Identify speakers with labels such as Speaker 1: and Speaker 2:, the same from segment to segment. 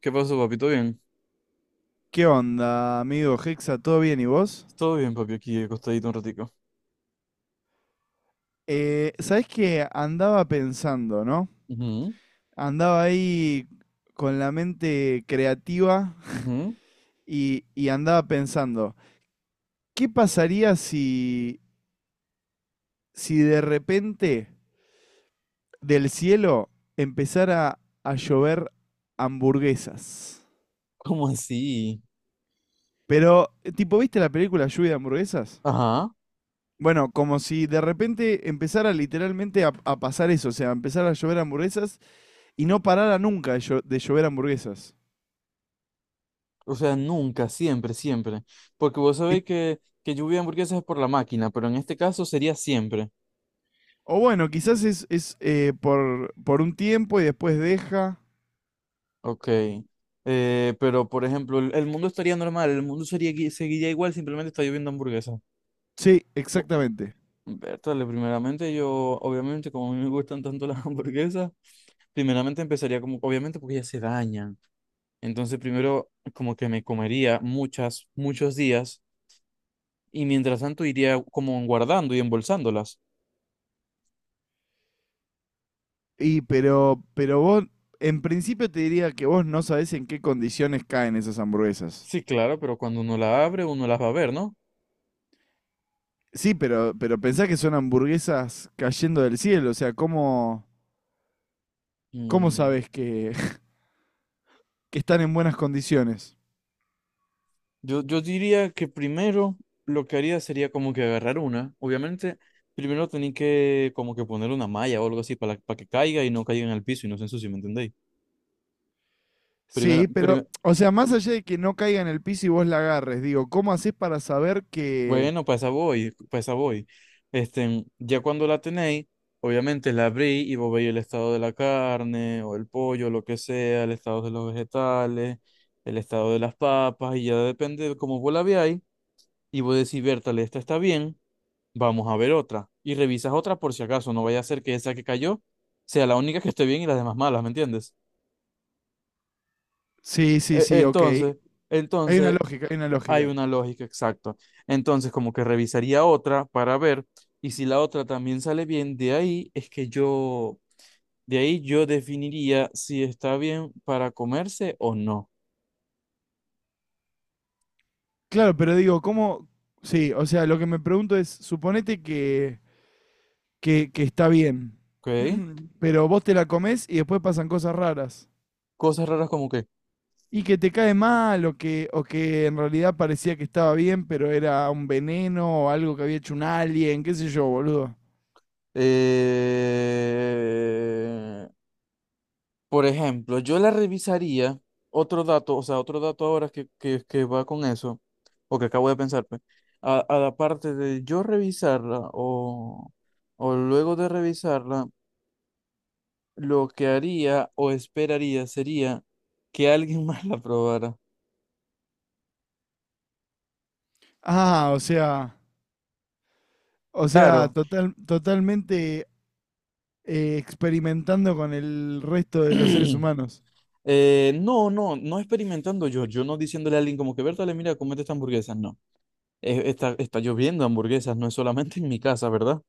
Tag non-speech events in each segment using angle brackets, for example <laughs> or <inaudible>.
Speaker 1: ¿Qué pasó, papi? ¿Todo bien?
Speaker 2: ¿Qué onda, amigo Hexa? ¿Todo bien y vos?
Speaker 1: Todo bien, papi, aquí acostadito un ratico.
Speaker 2: ¿Sabés qué? Andaba pensando, ¿no?
Speaker 1: Ujú,
Speaker 2: Andaba ahí con la mente creativa
Speaker 1: ujú.
Speaker 2: y andaba pensando, ¿qué pasaría si, si de repente del cielo empezara a llover hamburguesas?
Speaker 1: ¿Cómo así?
Speaker 2: Pero, tipo, ¿viste la película Lluvia de hamburguesas?
Speaker 1: Ajá.
Speaker 2: Bueno, como si de repente empezara literalmente a pasar eso, o sea, empezara a llover hamburguesas y no parara nunca de llover hamburguesas.
Speaker 1: O sea, nunca, siempre, siempre. Porque vos
Speaker 2: Y-
Speaker 1: sabéis que lluvia de hamburguesas es por la máquina, pero en este caso sería siempre.
Speaker 2: o bueno, quizás es por un tiempo y después deja.
Speaker 1: Ok. Pero, por ejemplo, el mundo estaría normal, el mundo sería, seguiría igual, simplemente está lloviendo hamburguesas.
Speaker 2: Sí,
Speaker 1: Oh,
Speaker 2: exactamente.
Speaker 1: Bertale, primeramente yo, obviamente, como a mí me gustan tanto las <laughs> hamburguesas, primeramente empezaría como, obviamente, porque ellas se dañan. Entonces primero como que me comería muchas, muchos días y mientras tanto iría como guardando y embolsándolas.
Speaker 2: Pero vos, en principio te diría que vos no sabés en qué condiciones caen esas hamburguesas.
Speaker 1: Sí, claro, pero cuando uno la abre uno las va a ver, ¿no?
Speaker 2: Sí, pero pensá que son hamburguesas cayendo del cielo, o sea, ¿cómo
Speaker 1: Mm.
Speaker 2: sabés que, <laughs> que están en buenas condiciones?
Speaker 1: Yo diría que primero lo que haría sería como que agarrar una. Obviamente primero tenía que como que poner una malla o algo así para que caiga y no caiga en el piso y no se ensucie, ¿me entendéis? Primera,
Speaker 2: Sí, pero,
Speaker 1: prim-
Speaker 2: o sea, más allá de que no caiga en el piso y vos la agarres, digo, ¿cómo haces para saber que...
Speaker 1: Bueno, pues a voy, pues a voy. Este, ya cuando la tenéis, obviamente la abrí y vos veis el estado de la carne o el pollo, lo que sea, el estado de los vegetales, el estado de las papas, y ya depende de cómo vos la veáis, y vos decís, Bertale, esta está bien, vamos a ver otra. Y revisas otra por si acaso, no vaya a ser que esa que cayó sea la única que esté bien y las demás malas, ¿me entiendes?
Speaker 2: Sí, sí, sí, ok.
Speaker 1: Entonces,
Speaker 2: Hay una
Speaker 1: entonces,
Speaker 2: lógica, hay una
Speaker 1: hay
Speaker 2: lógica.
Speaker 1: una lógica, exacto. Entonces, como que revisaría otra para ver, y si la otra también sale bien, de ahí es que yo, de ahí yo definiría si está bien para comerse o no.
Speaker 2: Claro, pero digo, ¿cómo... Sí, o sea, lo que me pregunto es, que está bien,
Speaker 1: ¿Ok?
Speaker 2: <clears throat> pero vos te la comés y después pasan cosas raras.
Speaker 1: Cosas raras como que,
Speaker 2: Y que te cae mal o que en realidad parecía que estaba bien, pero era un veneno o algo que había hecho un alien, qué sé yo, boludo.
Speaker 1: eh, por ejemplo, yo la revisaría, otro dato, o sea, otro dato ahora que va con eso, o que acabo de pensar, pues, a la parte de yo revisarla o luego de revisarla lo que haría o esperaría sería que alguien <laughs> más la probara.
Speaker 2: Ah, o sea... O sea,
Speaker 1: Claro.
Speaker 2: totalmente experimentando con el resto de los seres
Speaker 1: <clears throat>
Speaker 2: humanos.
Speaker 1: No, no experimentando yo, yo no diciéndole a alguien como que, Bertale, mira, comete esta hamburguesa, no. Está lloviendo hamburguesas, no es solamente en mi casa, ¿verdad?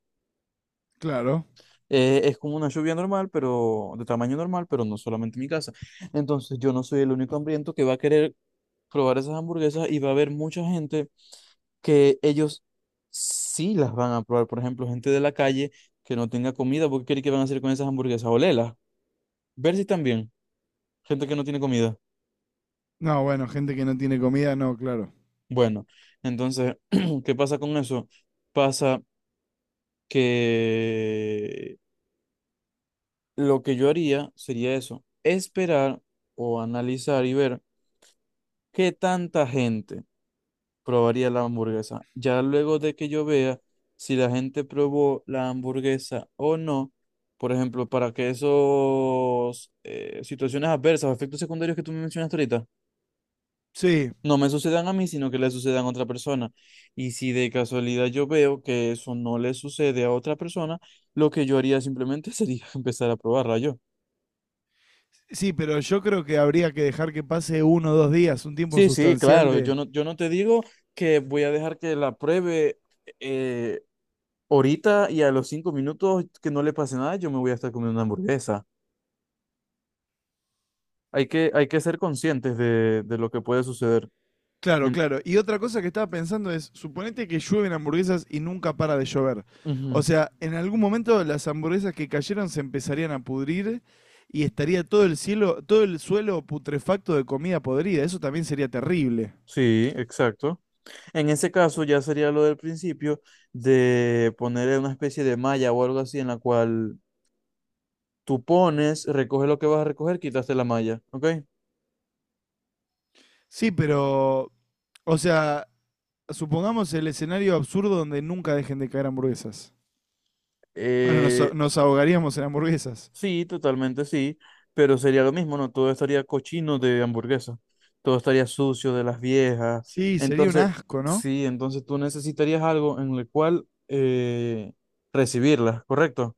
Speaker 2: Claro.
Speaker 1: Es como una lluvia normal, pero de tamaño normal, pero no solamente en mi casa. Entonces yo no soy el único hambriento que va a querer probar esas hamburguesas y va a haber mucha gente que ellos sí las van a probar. Por ejemplo, gente de la calle que no tenga comida, ¿por qué cree que van a hacer con esas hamburguesas? Olerlas. Ver si también. Gente que no tiene comida.
Speaker 2: No, bueno, gente que no tiene comida, no, claro.
Speaker 1: Bueno, entonces, <clears throat> ¿qué pasa con eso? Pasa que lo que yo haría sería eso, esperar o analizar y ver qué tanta gente probaría la hamburguesa. Ya luego de que yo vea si la gente probó la hamburguesa o no, por ejemplo, para que esos situaciones adversas o efectos secundarios que tú me mencionaste ahorita
Speaker 2: Sí,
Speaker 1: no me sucedan a mí, sino que le sucedan a otra persona. Y si de casualidad yo veo que eso no le sucede a otra persona, lo que yo haría simplemente <laughs> sería empezar a probarla yo.
Speaker 2: sí, pero yo creo que habría que dejar que pase uno o dos días, un tiempo
Speaker 1: Sí, sí,
Speaker 2: sustancial
Speaker 1: claro,
Speaker 2: de...
Speaker 1: yo no te digo que voy a dejar que la pruebe eh, ahorita y a los 5 minutos que no le pase nada, yo me voy a estar comiendo una hamburguesa. Hay que ser conscientes de lo que puede suceder.
Speaker 2: Claro,
Speaker 1: En-
Speaker 2: claro. Y otra cosa que estaba pensando es, suponete que llueven hamburguesas y nunca para de llover. O
Speaker 1: Ujú.
Speaker 2: sea, en algún momento las hamburguesas que cayeron se empezarían a pudrir y estaría todo el cielo, todo el suelo putrefacto de comida podrida. Eso también sería terrible.
Speaker 1: Sí, exacto. En ese caso ya sería lo del principio de poner una especie de malla o algo así en la cual tú pones, recoges lo que vas a recoger, quitaste la malla, ¿ok?
Speaker 2: Sí, pero, o sea, supongamos el escenario absurdo donde nunca dejen de caer hamburguesas.
Speaker 1: Eh,
Speaker 2: Nos ahogaríamos en hamburguesas.
Speaker 1: Sí, totalmente sí, pero sería lo mismo, ¿no? Todo estaría cochino de hamburguesa, todo estaría sucio de las viejas.
Speaker 2: Sí, sería un
Speaker 1: Entonces,
Speaker 2: asco, ¿no?
Speaker 1: sí, entonces tú necesitarías algo en el cual recibirlas, ¿correcto?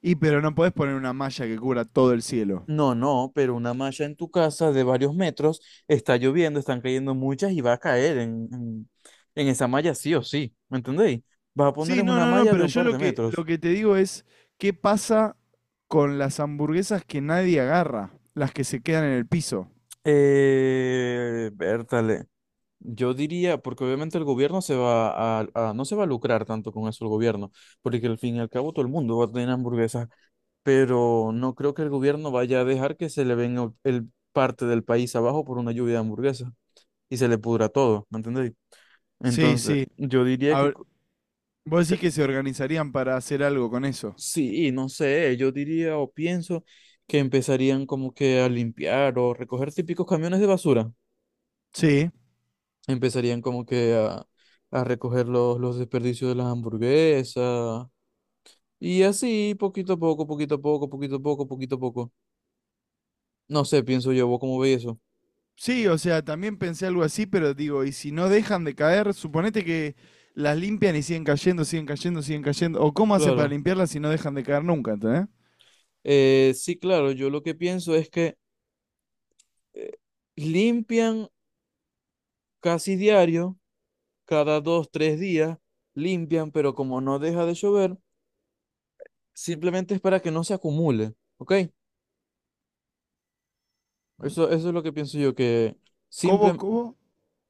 Speaker 2: Pero no podés poner una malla que cubra todo el cielo.
Speaker 1: No, no, pero una malla en tu casa de varios metros, está lloviendo, están cayendo muchas y va a caer en esa malla sí o sí, ¿me entendéis? Vas a poner
Speaker 2: Sí,
Speaker 1: es
Speaker 2: no,
Speaker 1: una
Speaker 2: no, no,
Speaker 1: malla de
Speaker 2: pero
Speaker 1: un
Speaker 2: yo
Speaker 1: par de
Speaker 2: lo
Speaker 1: metros.
Speaker 2: que te digo es, ¿qué pasa con las hamburguesas que nadie agarra? Las que se quedan en el piso.
Speaker 1: Eh, Yo diría, porque obviamente el gobierno se va a, no se va a lucrar tanto con eso el gobierno, porque al fin y al cabo todo el mundo va a tener hamburguesas, pero no creo que el gobierno vaya a dejar que se le venga el parte del país abajo por una lluvia de hamburguesas y se le pudra todo, ¿me entendéis?
Speaker 2: Sí,
Speaker 1: Entonces,
Speaker 2: sí.
Speaker 1: yo diría
Speaker 2: A
Speaker 1: que,
Speaker 2: ver,
Speaker 1: co-
Speaker 2: vos
Speaker 1: que
Speaker 2: decís que se organizarían para hacer algo con eso.
Speaker 1: sí, no sé, yo diría o pienso que empezarían como que a limpiar o recoger típicos camiones de basura,
Speaker 2: Sí.
Speaker 1: empezarían como que a recoger los desperdicios de las hamburguesas. Y así, poquito a poco, poquito a poco, poquito a poco, poquito a poco. No sé, pienso yo, ¿vos cómo veis eso?
Speaker 2: Sí, o sea, también pensé algo así, pero digo, y si no dejan de caer, suponete que las limpian y siguen cayendo, siguen cayendo, siguen cayendo. ¿O cómo hacen para
Speaker 1: Claro.
Speaker 2: limpiarlas si no dejan de caer nunca, ¿entendés?
Speaker 1: Sí, claro, yo lo que pienso es que eh, limpian casi diario, cada dos, tres días, limpian, pero como no deja de llover, simplemente es para que no se acumule, ¿ok? Eso es lo que pienso yo, que,
Speaker 2: ¿Cómo,
Speaker 1: simple,
Speaker 2: cómo?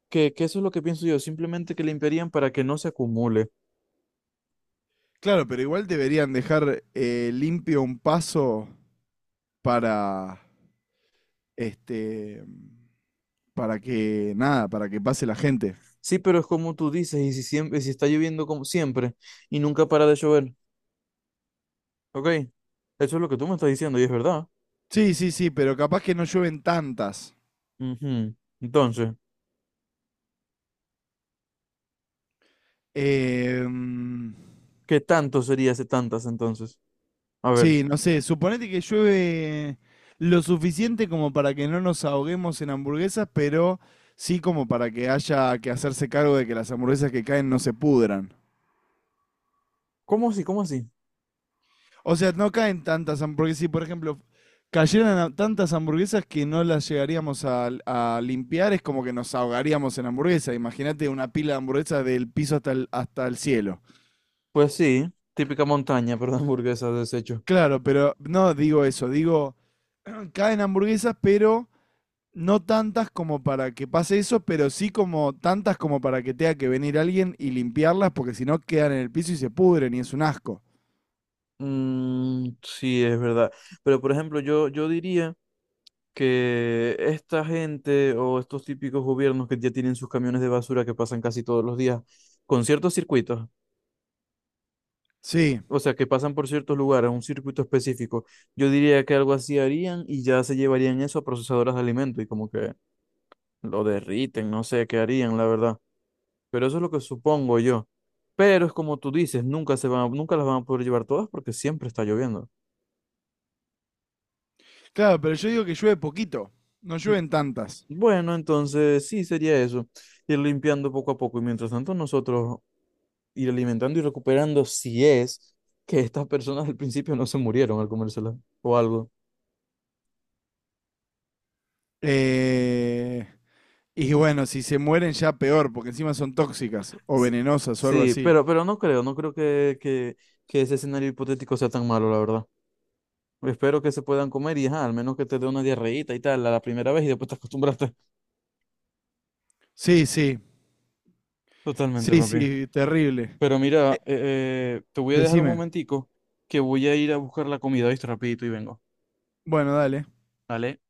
Speaker 1: que eso es lo que pienso yo, simplemente que limpiarían para que no se acumule.
Speaker 2: Claro, pero igual deberían dejar limpio un paso para, este, para que, nada, para que pase la gente.
Speaker 1: Sí, pero es como tú dices, y si siempre, si está lloviendo como siempre y nunca para de llover. Ok, eso es lo que tú me estás diciendo y es verdad.
Speaker 2: Sí, sí, sí, pero capaz que no llueven tantas.
Speaker 1: Ujú. Entonces,
Speaker 2: Eh, mm,
Speaker 1: ¿qué tanto sería ese tantas entonces? A ver,
Speaker 2: Sí, no sé, suponete que llueve lo suficiente como para que no nos ahoguemos en hamburguesas, pero sí como para que haya que hacerse cargo de que las hamburguesas que caen no se pudran.
Speaker 1: ¿cómo así? ¿Cómo así?
Speaker 2: O sea, no caen tantas hamburguesas, si por ejemplo tantas hamburguesas que no las llegaríamos a limpiar, es como que nos ahogaríamos en hamburguesas. Imagínate una pila de hamburguesas del piso hasta el cielo.
Speaker 1: Pues sí, típica montaña, <laughs> pero de hamburguesas deshecho.
Speaker 2: Claro, pero no digo eso, digo, <clears throat> caen hamburguesas, pero no tantas como para que pase eso, pero sí como tantas como para que tenga que venir alguien y limpiarlas, porque si no quedan en el piso y se pudren y es un asco.
Speaker 1: Mm, sí, es verdad. Pero por ejemplo, yo diría que esta gente o estos típicos gobiernos que ya tienen sus camiones de basura que pasan casi todos los días con ciertos circuitos.
Speaker 2: Sí,
Speaker 1: O sea, que pasan por ciertos lugares, un circuito específico, yo diría que algo así harían y ya se llevarían eso a procesadoras de alimento y como que lo derriten, no sé qué harían, la verdad. Pero eso es lo que supongo yo. Pero es como tú dices, nunca se van, nunca las van a poder llevar todas porque siempre está lloviendo.
Speaker 2: claro, pero yo digo que llueve poquito, no llueven tantas.
Speaker 1: Bueno, entonces sí sería eso, ir limpiando poco a poco y mientras tanto nosotros ir alimentando y recuperando si es que estas personas al principio no se murieron al comérselas o algo.
Speaker 2: Eh, y bueno, si se mueren ya peor, porque encima son tóxicas o
Speaker 1: Sí,
Speaker 2: venenosas o algo
Speaker 1: sí,
Speaker 2: así.
Speaker 1: pero no creo, no creo que ese escenario hipotético sea tan malo, la verdad. Espero que se puedan comer y ajá, al menos que te dé una diarreíta y tal a la primera vez y después te acostumbraste
Speaker 2: Sí, sí,
Speaker 1: <laughs> totalmente,
Speaker 2: sí,
Speaker 1: papi.
Speaker 2: sí, terrible.
Speaker 1: Pero mira, te voy a dejar un
Speaker 2: Decime.
Speaker 1: momentico que voy a ir a buscar la comida, ¿viste? Rapidito y vengo.
Speaker 2: Bueno, dale.
Speaker 1: ¿Vale?